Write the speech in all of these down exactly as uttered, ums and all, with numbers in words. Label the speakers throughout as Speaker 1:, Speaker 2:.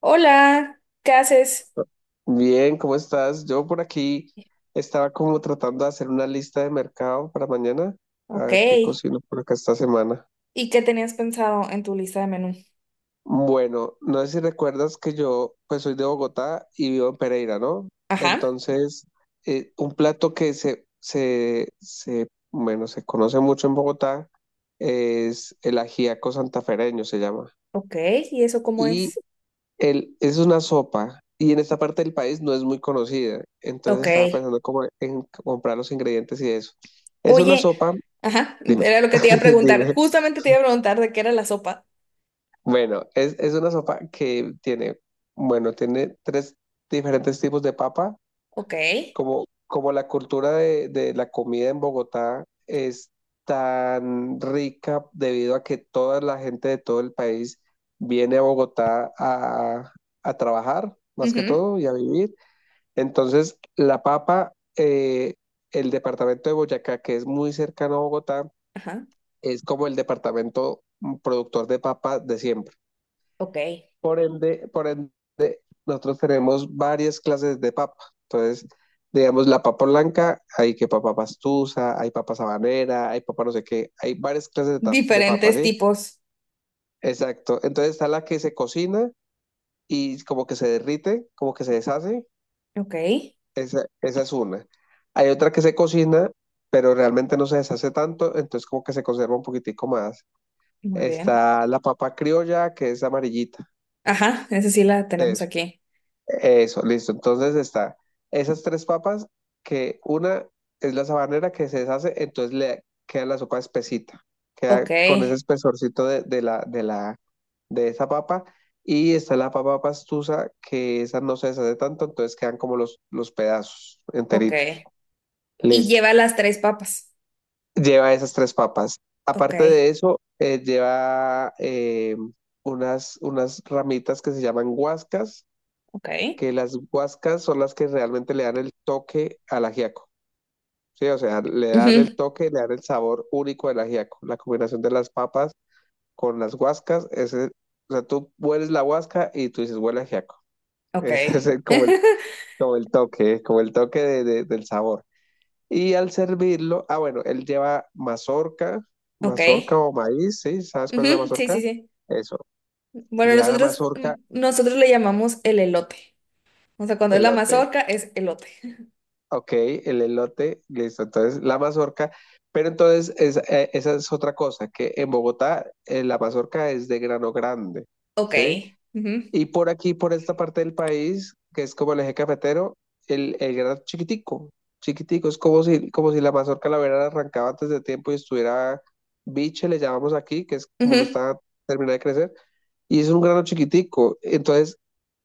Speaker 1: Hola, ¿qué haces?
Speaker 2: Bien, ¿cómo estás? Yo por aquí estaba como tratando de hacer una lista de mercado para mañana, a
Speaker 1: Ok.
Speaker 2: ver qué
Speaker 1: ¿Y
Speaker 2: cocino por acá esta semana.
Speaker 1: qué tenías pensado en tu lista de menú?
Speaker 2: Bueno, no sé si recuerdas que yo pues soy de Bogotá y vivo en Pereira, ¿no?
Speaker 1: Ajá.
Speaker 2: Entonces, eh, un plato que se, se, se, bueno, se conoce mucho en Bogotá es el ajíaco santafereño, se llama.
Speaker 1: Ok. ¿Y eso cómo
Speaker 2: Y
Speaker 1: es?
Speaker 2: El, es una sopa y en esta parte del país no es muy conocida.
Speaker 1: Ok.
Speaker 2: Entonces estaba pensando como en comprar los ingredientes y eso. Es una
Speaker 1: Oye,
Speaker 2: sopa,
Speaker 1: ajá,
Speaker 2: dime,
Speaker 1: era lo que te iba a preguntar.
Speaker 2: dime.
Speaker 1: Justamente te iba a preguntar de qué era la sopa.
Speaker 2: Bueno, es, es una sopa que tiene, bueno, tiene tres diferentes tipos de papa.
Speaker 1: Ok.
Speaker 2: Como, como la cultura de, de la comida en Bogotá es tan rica debido a que toda la gente de todo el país viene a Bogotá a, a trabajar, más que
Speaker 1: Ujú.
Speaker 2: todo, y a vivir. Entonces, la papa, eh, el departamento de Boyacá, que es muy cercano a Bogotá,
Speaker 1: Ajá.
Speaker 2: es como el departamento mm, productor de papa de siempre.
Speaker 1: Ok.
Speaker 2: Por ende, por ende, nosotros tenemos varias clases de papa. Entonces, digamos, la papa blanca, hay que papa pastusa, hay papa sabanera, hay papa no sé qué, hay varias clases de, ta- de papa,
Speaker 1: Diferentes
Speaker 2: ¿sí?
Speaker 1: tipos.
Speaker 2: Exacto. Entonces está la que se cocina y como que se derrite, como que se deshace.
Speaker 1: Ok.
Speaker 2: Esa, esa es una. Hay otra que se cocina, pero realmente no se deshace tanto, entonces como que se conserva un poquitico más.
Speaker 1: Muy bien.
Speaker 2: Está la papa criolla, que es amarillita.
Speaker 1: Ajá, esa sí la tenemos
Speaker 2: Eso,
Speaker 1: aquí.
Speaker 2: eso, listo. Entonces está esas tres papas, que una es la sabanera que se deshace, entonces le queda la sopa espesita,
Speaker 1: Ok.
Speaker 2: queda con ese espesorcito de, de la, de la, de esa papa. Y está la papa pastusa, que esa no se deshace tanto, entonces quedan como los, los pedazos
Speaker 1: Ok.
Speaker 2: enteritos.
Speaker 1: Y
Speaker 2: Listo.
Speaker 1: lleva las tres papas.
Speaker 2: Lleva esas tres papas.
Speaker 1: Ok.
Speaker 2: Aparte de eso, eh, lleva eh, unas, unas ramitas que se llaman guascas,
Speaker 1: Ok.
Speaker 2: que las guascas son las que realmente le dan el toque al ajiaco. Sí, o sea, le dan el
Speaker 1: Ujú.
Speaker 2: toque, le dan el sabor único del ajiaco. La combinación de las papas con las guascas, ese, o sea, tú hueles la guasca y tú dices, huele a ajiaco.
Speaker 1: Ok.
Speaker 2: Ese es el- como el, como el toque, como el toque de- de- del sabor. Y al servirlo, ah, bueno, él lleva mazorca,
Speaker 1: Ok.
Speaker 2: mazorca o maíz, ¿sí? ¿Sabes cuál es la
Speaker 1: Ujú. Sí, sí,
Speaker 2: mazorca?
Speaker 1: sí.
Speaker 2: Eso.
Speaker 1: Bueno,
Speaker 2: Lleva la
Speaker 1: nosotros, mm,
Speaker 2: mazorca,
Speaker 1: nosotros le llamamos el elote. O sea, cuando es la
Speaker 2: elote.
Speaker 1: mazorca es elote.
Speaker 2: Ok, el elote, listo. Entonces, la mazorca. Pero entonces, es- eh, esa es otra cosa, que en Bogotá eh, la mazorca es de grano grande,
Speaker 1: Ok.
Speaker 2: ¿sí?
Speaker 1: Ujú.
Speaker 2: Y por aquí, por esta parte del país, que es como el eje cafetero, el, el grano chiquitico, chiquitico, es como si, como si la mazorca la hubiera arrancado antes de tiempo y estuviera biche, le llamamos aquí, que es como no
Speaker 1: Ujú.
Speaker 2: está terminada de crecer, y es un grano chiquitico. Entonces,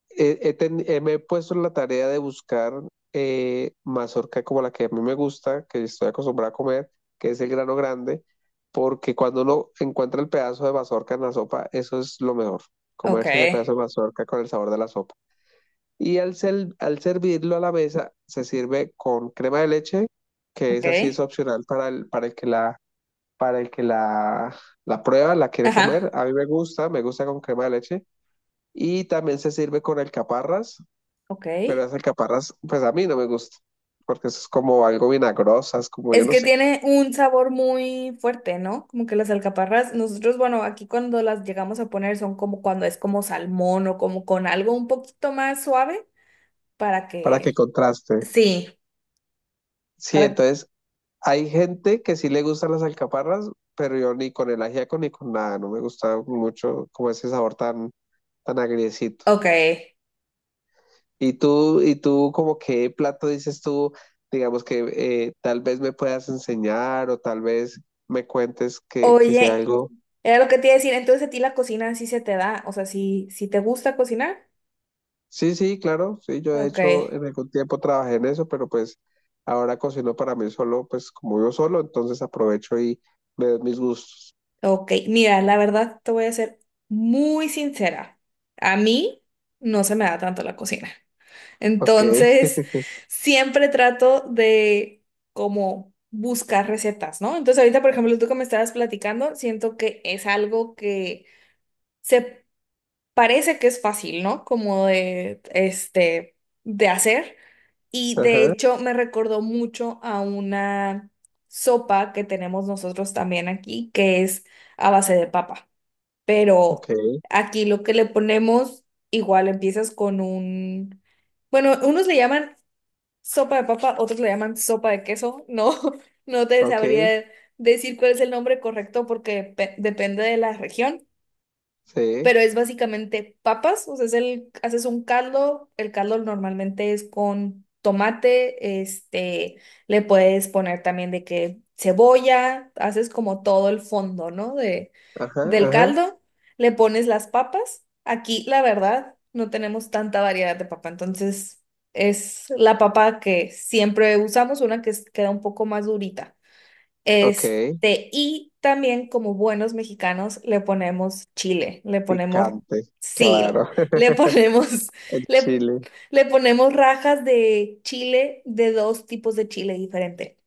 Speaker 2: he- he ten- eh, me he puesto en la tarea de buscar eh, mazorca como la que a mí me gusta, que estoy acostumbrada a comer, que es el grano grande, porque cuando uno encuentra el pedazo de mazorca en la sopa, eso es lo mejor,
Speaker 1: Ok.
Speaker 2: comerse ese pedazo de mazorca con el sabor de la sopa. Y al, sel- al servirlo a la mesa, se sirve con crema de leche, que
Speaker 1: Ok.
Speaker 2: esa sí es opcional para el, para el que la, para el que la, la prueba, la quiere comer.
Speaker 1: Ajá.
Speaker 2: A mí me gusta, me gusta con crema de leche. Y también se sirve con alcaparras,
Speaker 1: Ok.
Speaker 2: pero las alcaparras, pues a mí no me gusta, porque eso es como algo vinagrosa, es como yo
Speaker 1: Es
Speaker 2: no
Speaker 1: que
Speaker 2: sé,
Speaker 1: tiene un sabor muy fuerte, ¿no? Como que las alcaparras, nosotros, bueno, aquí cuando las llegamos a poner son como cuando es como salmón o como con algo un poquito más suave para
Speaker 2: para que
Speaker 1: que...
Speaker 2: contraste.
Speaker 1: Sí.
Speaker 2: Sí,
Speaker 1: Para...
Speaker 2: entonces hay gente que sí le gustan las alcaparras, pero yo ni con el ajíaco ni con nada, no me gusta mucho como ese sabor tan, tan agriecito.
Speaker 1: Ok.
Speaker 2: Y tú, y tú, como qué plato dices tú, digamos que eh, tal vez me puedas enseñar o tal vez me cuentes que, que sea
Speaker 1: Oye,
Speaker 2: algo.
Speaker 1: era lo que te iba a decir, entonces a ti la cocina sí se te da, o sea, si si te gusta cocinar.
Speaker 2: Sí, sí, claro, sí, yo de
Speaker 1: Ok,
Speaker 2: hecho en algún tiempo trabajé en eso, pero pues ahora cocino para mí solo, pues como yo solo, entonces aprovecho y me doy mis gustos.
Speaker 1: ok. Mira, la verdad te voy a ser muy sincera. A mí no se me da tanto la cocina.
Speaker 2: Ok,
Speaker 1: Entonces, siempre trato de como buscar recetas, ¿no? Entonces, ahorita, por ejemplo, tú que me estabas platicando, siento que es algo que se parece que es fácil, ¿no? Como de, este, de hacer. Y de
Speaker 2: ajá,
Speaker 1: hecho me recordó mucho a una sopa que tenemos nosotros también aquí, que es a base de papa.
Speaker 2: ok,
Speaker 1: Pero aquí lo que le ponemos, igual empiezas con un, bueno, unos le llaman sopa de papa, otros le llaman sopa de queso. No, no te
Speaker 2: ok,
Speaker 1: sabría decir cuál es el nombre correcto porque pe- depende de la región,
Speaker 2: sí,
Speaker 1: pero es básicamente papas, o sea, es el, haces un caldo, el caldo normalmente es con tomate, este, le puedes poner también de que cebolla, haces como todo el fondo, ¿no? De,
Speaker 2: ajá,
Speaker 1: del
Speaker 2: ajá,
Speaker 1: caldo, le pones las papas. Aquí, la verdad, no tenemos tanta variedad de papa, entonces es la papa que siempre usamos, una que es- queda un poco más durita.
Speaker 2: ok,
Speaker 1: Este, y también como buenos mexicanos le ponemos chile, le ponemos
Speaker 2: picante,
Speaker 1: sil,
Speaker 2: claro,
Speaker 1: le ponemos,
Speaker 2: el
Speaker 1: le,
Speaker 2: chile.
Speaker 1: le ponemos rajas de chile, de dos tipos de chile diferente.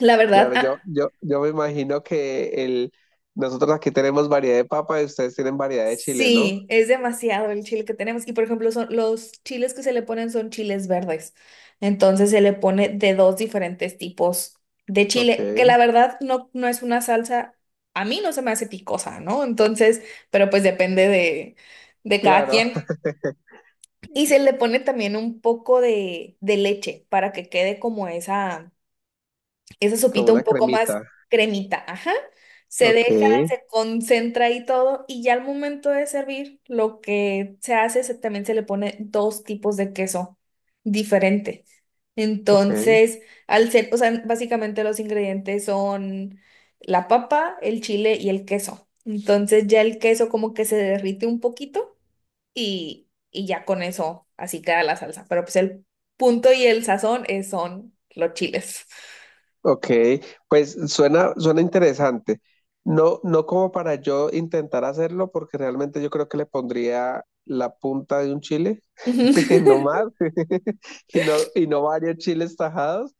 Speaker 1: La verdad,
Speaker 2: Claro, yo,
Speaker 1: a-
Speaker 2: yo, yo me imagino que el, nosotros aquí tenemos variedad de papa y ustedes tienen variedad de chile, ¿no?
Speaker 1: Sí, es demasiado el chile que tenemos. Y por ejemplo, son, los chiles que se le ponen son chiles verdes. Entonces se le pone de dos diferentes tipos de
Speaker 2: Ok,
Speaker 1: chile, que la verdad no, no es una salsa, a mí no se me hace picosa, ¿no? Entonces, pero pues depende de, de cada
Speaker 2: claro,
Speaker 1: quien. Y se le pone también un poco de, de leche para que quede como esa esa
Speaker 2: como
Speaker 1: sopita un
Speaker 2: una
Speaker 1: poco más
Speaker 2: cremita,
Speaker 1: cremita, ajá. Se deja,
Speaker 2: ok,
Speaker 1: se concentra y todo, y ya al momento de servir, lo que se hace es que también se le pone dos tipos de queso diferente.
Speaker 2: ok.
Speaker 1: Entonces, al ser, o sea, básicamente los ingredientes son la papa, el chile y el queso. Entonces ya el queso como que se derrite un poquito y, y ya con eso así queda la salsa. Pero pues el punto y el sazón es- son los chiles.
Speaker 2: Ok, pues suena, suena interesante. No, no como para yo intentar hacerlo, porque realmente yo creo que le pondría la punta de un chile,
Speaker 1: Ujú.
Speaker 2: no más, y no, y no varios chiles tajados,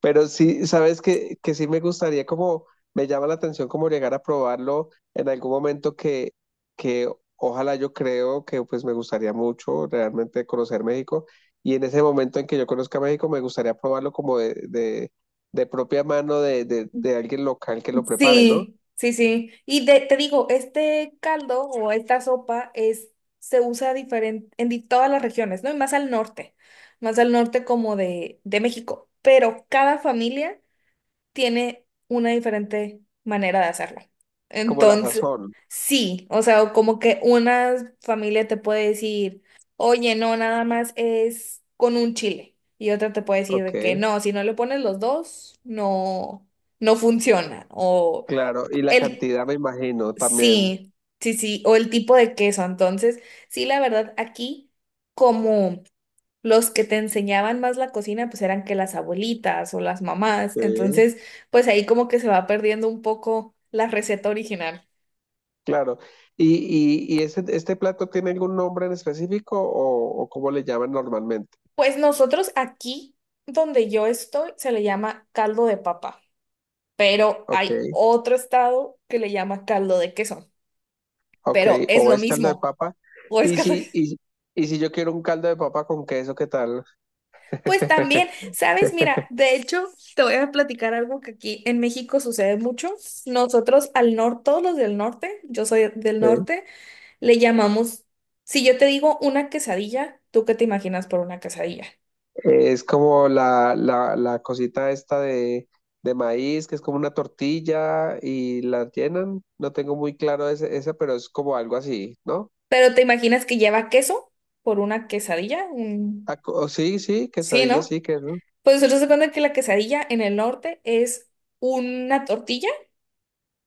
Speaker 2: pero sí, sabes que, que sí me gustaría como, me llama la atención como llegar a probarlo en algún momento que, que ojalá yo creo que pues me gustaría mucho realmente conocer México y en ese momento en que yo conozca México me gustaría probarlo como de, de, de propia mano de, de, de alguien local que lo prepare, ¿no?
Speaker 1: Sí, sí, sí. Y de- te digo, este caldo o esta sopa es, se usa diferente en di- todas las regiones, ¿no? Y más al norte, más al norte como de, de México. Pero cada familia tiene una diferente manera de hacerlo.
Speaker 2: Como la
Speaker 1: Entonces,
Speaker 2: sazón,
Speaker 1: sí, o sea, o como que una familia te puede decir, oye, no, nada más es con un chile. Y otra te puede decir
Speaker 2: ok,
Speaker 1: de que no, si no le pones los dos, no, no funciona. O
Speaker 2: claro, y la
Speaker 1: el,
Speaker 2: cantidad me imagino también.
Speaker 1: sí, sí, sí, o el tipo de queso. Entonces, sí, la verdad, aquí como los que te enseñaban más la cocina pues eran que las abuelitas o las mamás,
Speaker 2: Sí.
Speaker 1: entonces pues ahí como que se va perdiendo un poco la receta original.
Speaker 2: Claro. ¿Y, y, y ese, este plato tiene algún nombre en específico o, o cómo le llaman normalmente?
Speaker 1: Pues nosotros aquí donde yo estoy se le llama caldo de papa, pero
Speaker 2: Ok,
Speaker 1: hay otro estado que le llama caldo de queso,
Speaker 2: ok.
Speaker 1: pero es
Speaker 2: ¿O
Speaker 1: lo
Speaker 2: es caldo de
Speaker 1: mismo,
Speaker 2: papa?
Speaker 1: o es
Speaker 2: Y
Speaker 1: caldo de-
Speaker 2: si, y, y si yo quiero un caldo de papa con queso, ¿qué tal?
Speaker 1: Pues también, ¿sabes? Mira, de hecho, te voy a platicar algo que aquí en México sucede mucho. Nosotros al norte, todos los del norte, yo soy del
Speaker 2: Sí.
Speaker 1: norte, le llamamos, si yo te digo una quesadilla, ¿tú qué te imaginas por una quesadilla?
Speaker 2: Es como la, la, la cosita esta de, de maíz, que es como una tortilla y la llenan. No tengo muy claro ese, ese, pero es como algo así, ¿no?
Speaker 1: Pero te imaginas que lleva queso por una quesadilla, un-
Speaker 2: Ah, co- sí, sí,
Speaker 1: Sí,
Speaker 2: quesadilla,
Speaker 1: ¿no?
Speaker 2: sí, queso.
Speaker 1: Pues nosotros se cuenta que la quesadilla en el norte es una tortilla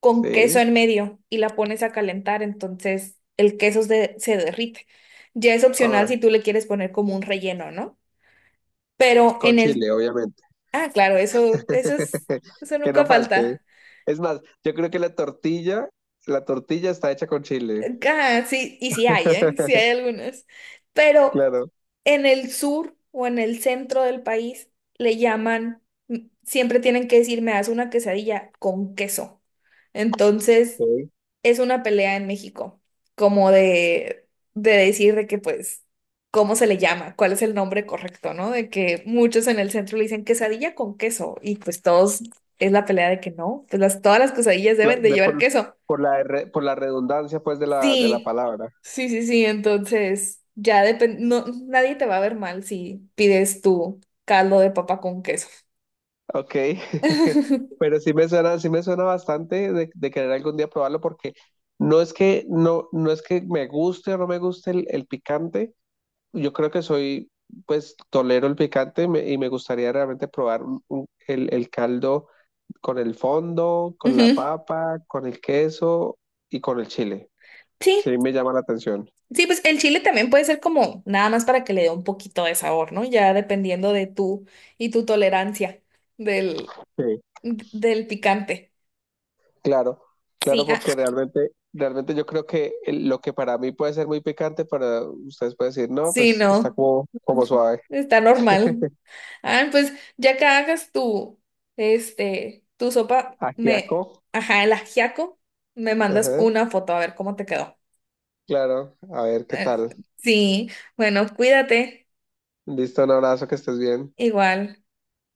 Speaker 1: con queso
Speaker 2: Sí.
Speaker 1: en medio y la pones a calentar, entonces el queso se, se derrite. Ya es opcional
Speaker 2: Ah,
Speaker 1: si tú le quieres poner como un relleno, ¿no? Pero
Speaker 2: con
Speaker 1: en el...
Speaker 2: chile, obviamente.
Speaker 1: Ah, claro, eso, eso es, eso
Speaker 2: Que
Speaker 1: nunca
Speaker 2: no falte.
Speaker 1: falta.
Speaker 2: Es más, yo creo que la tortilla, la tortilla está hecha con chile.
Speaker 1: Ah, sí, y sí hay, ¿eh? Sí hay algunas. Pero
Speaker 2: Claro.
Speaker 1: en el sur o en el centro del país le llaman, m- siempre tienen que decir, me das una quesadilla con queso. Entonces,
Speaker 2: Ok.
Speaker 1: es una pelea en México, como de, de decir de que, pues, ¿cómo se le llama? ¿Cuál es el nombre correcto, no? De que muchos en el centro le dicen quesadilla con queso y pues todos es la pelea de que no, pues las, todas las quesadillas
Speaker 2: La-
Speaker 1: deben de
Speaker 2: de
Speaker 1: llevar
Speaker 2: por,
Speaker 1: queso.
Speaker 2: por la, re- por la redundancia, pues, de la, de la
Speaker 1: Sí,
Speaker 2: palabra.
Speaker 1: sí, sí, sí. Entonces, ya depende, no, nadie te va a ver mal si pides tu caldo de papa con queso.
Speaker 2: Ok.
Speaker 1: Ujú.
Speaker 2: Pero sí me suena, sí me suena bastante de, de querer algún día probarlo porque no es que, no, no es que me guste o no me guste el, el picante. Yo creo que soy, pues, tolero el picante me- y me gustaría realmente probar un- un- el, el caldo con el fondo, con la papa, con el queso y con el chile. Sí,
Speaker 1: Sí,
Speaker 2: me llama la atención.
Speaker 1: sí, pues el chile también puede ser como nada más para que le dé un poquito de sabor, ¿no? Ya dependiendo de tú y tu tolerancia del,
Speaker 2: Sí,
Speaker 1: del picante.
Speaker 2: claro,
Speaker 1: Sí,
Speaker 2: claro,
Speaker 1: ah,
Speaker 2: porque realmente, realmente yo creo que el- lo que para mí puede ser muy picante, para ustedes pueden decir, no,
Speaker 1: sí,
Speaker 2: pues está
Speaker 1: no.
Speaker 2: como, como suave.
Speaker 1: Está normal. Ah, pues ya que hagas tu, este, tu sopa,
Speaker 2: Ajiaco.
Speaker 1: me, ajá, el ajiaco, me mandas
Speaker 2: Ajá,
Speaker 1: una foto a ver cómo te quedó.
Speaker 2: claro, a ver qué
Speaker 1: Eh,
Speaker 2: tal.
Speaker 1: sí, bueno, cuídate,
Speaker 2: Listo, un abrazo, que estés bien.
Speaker 1: igual.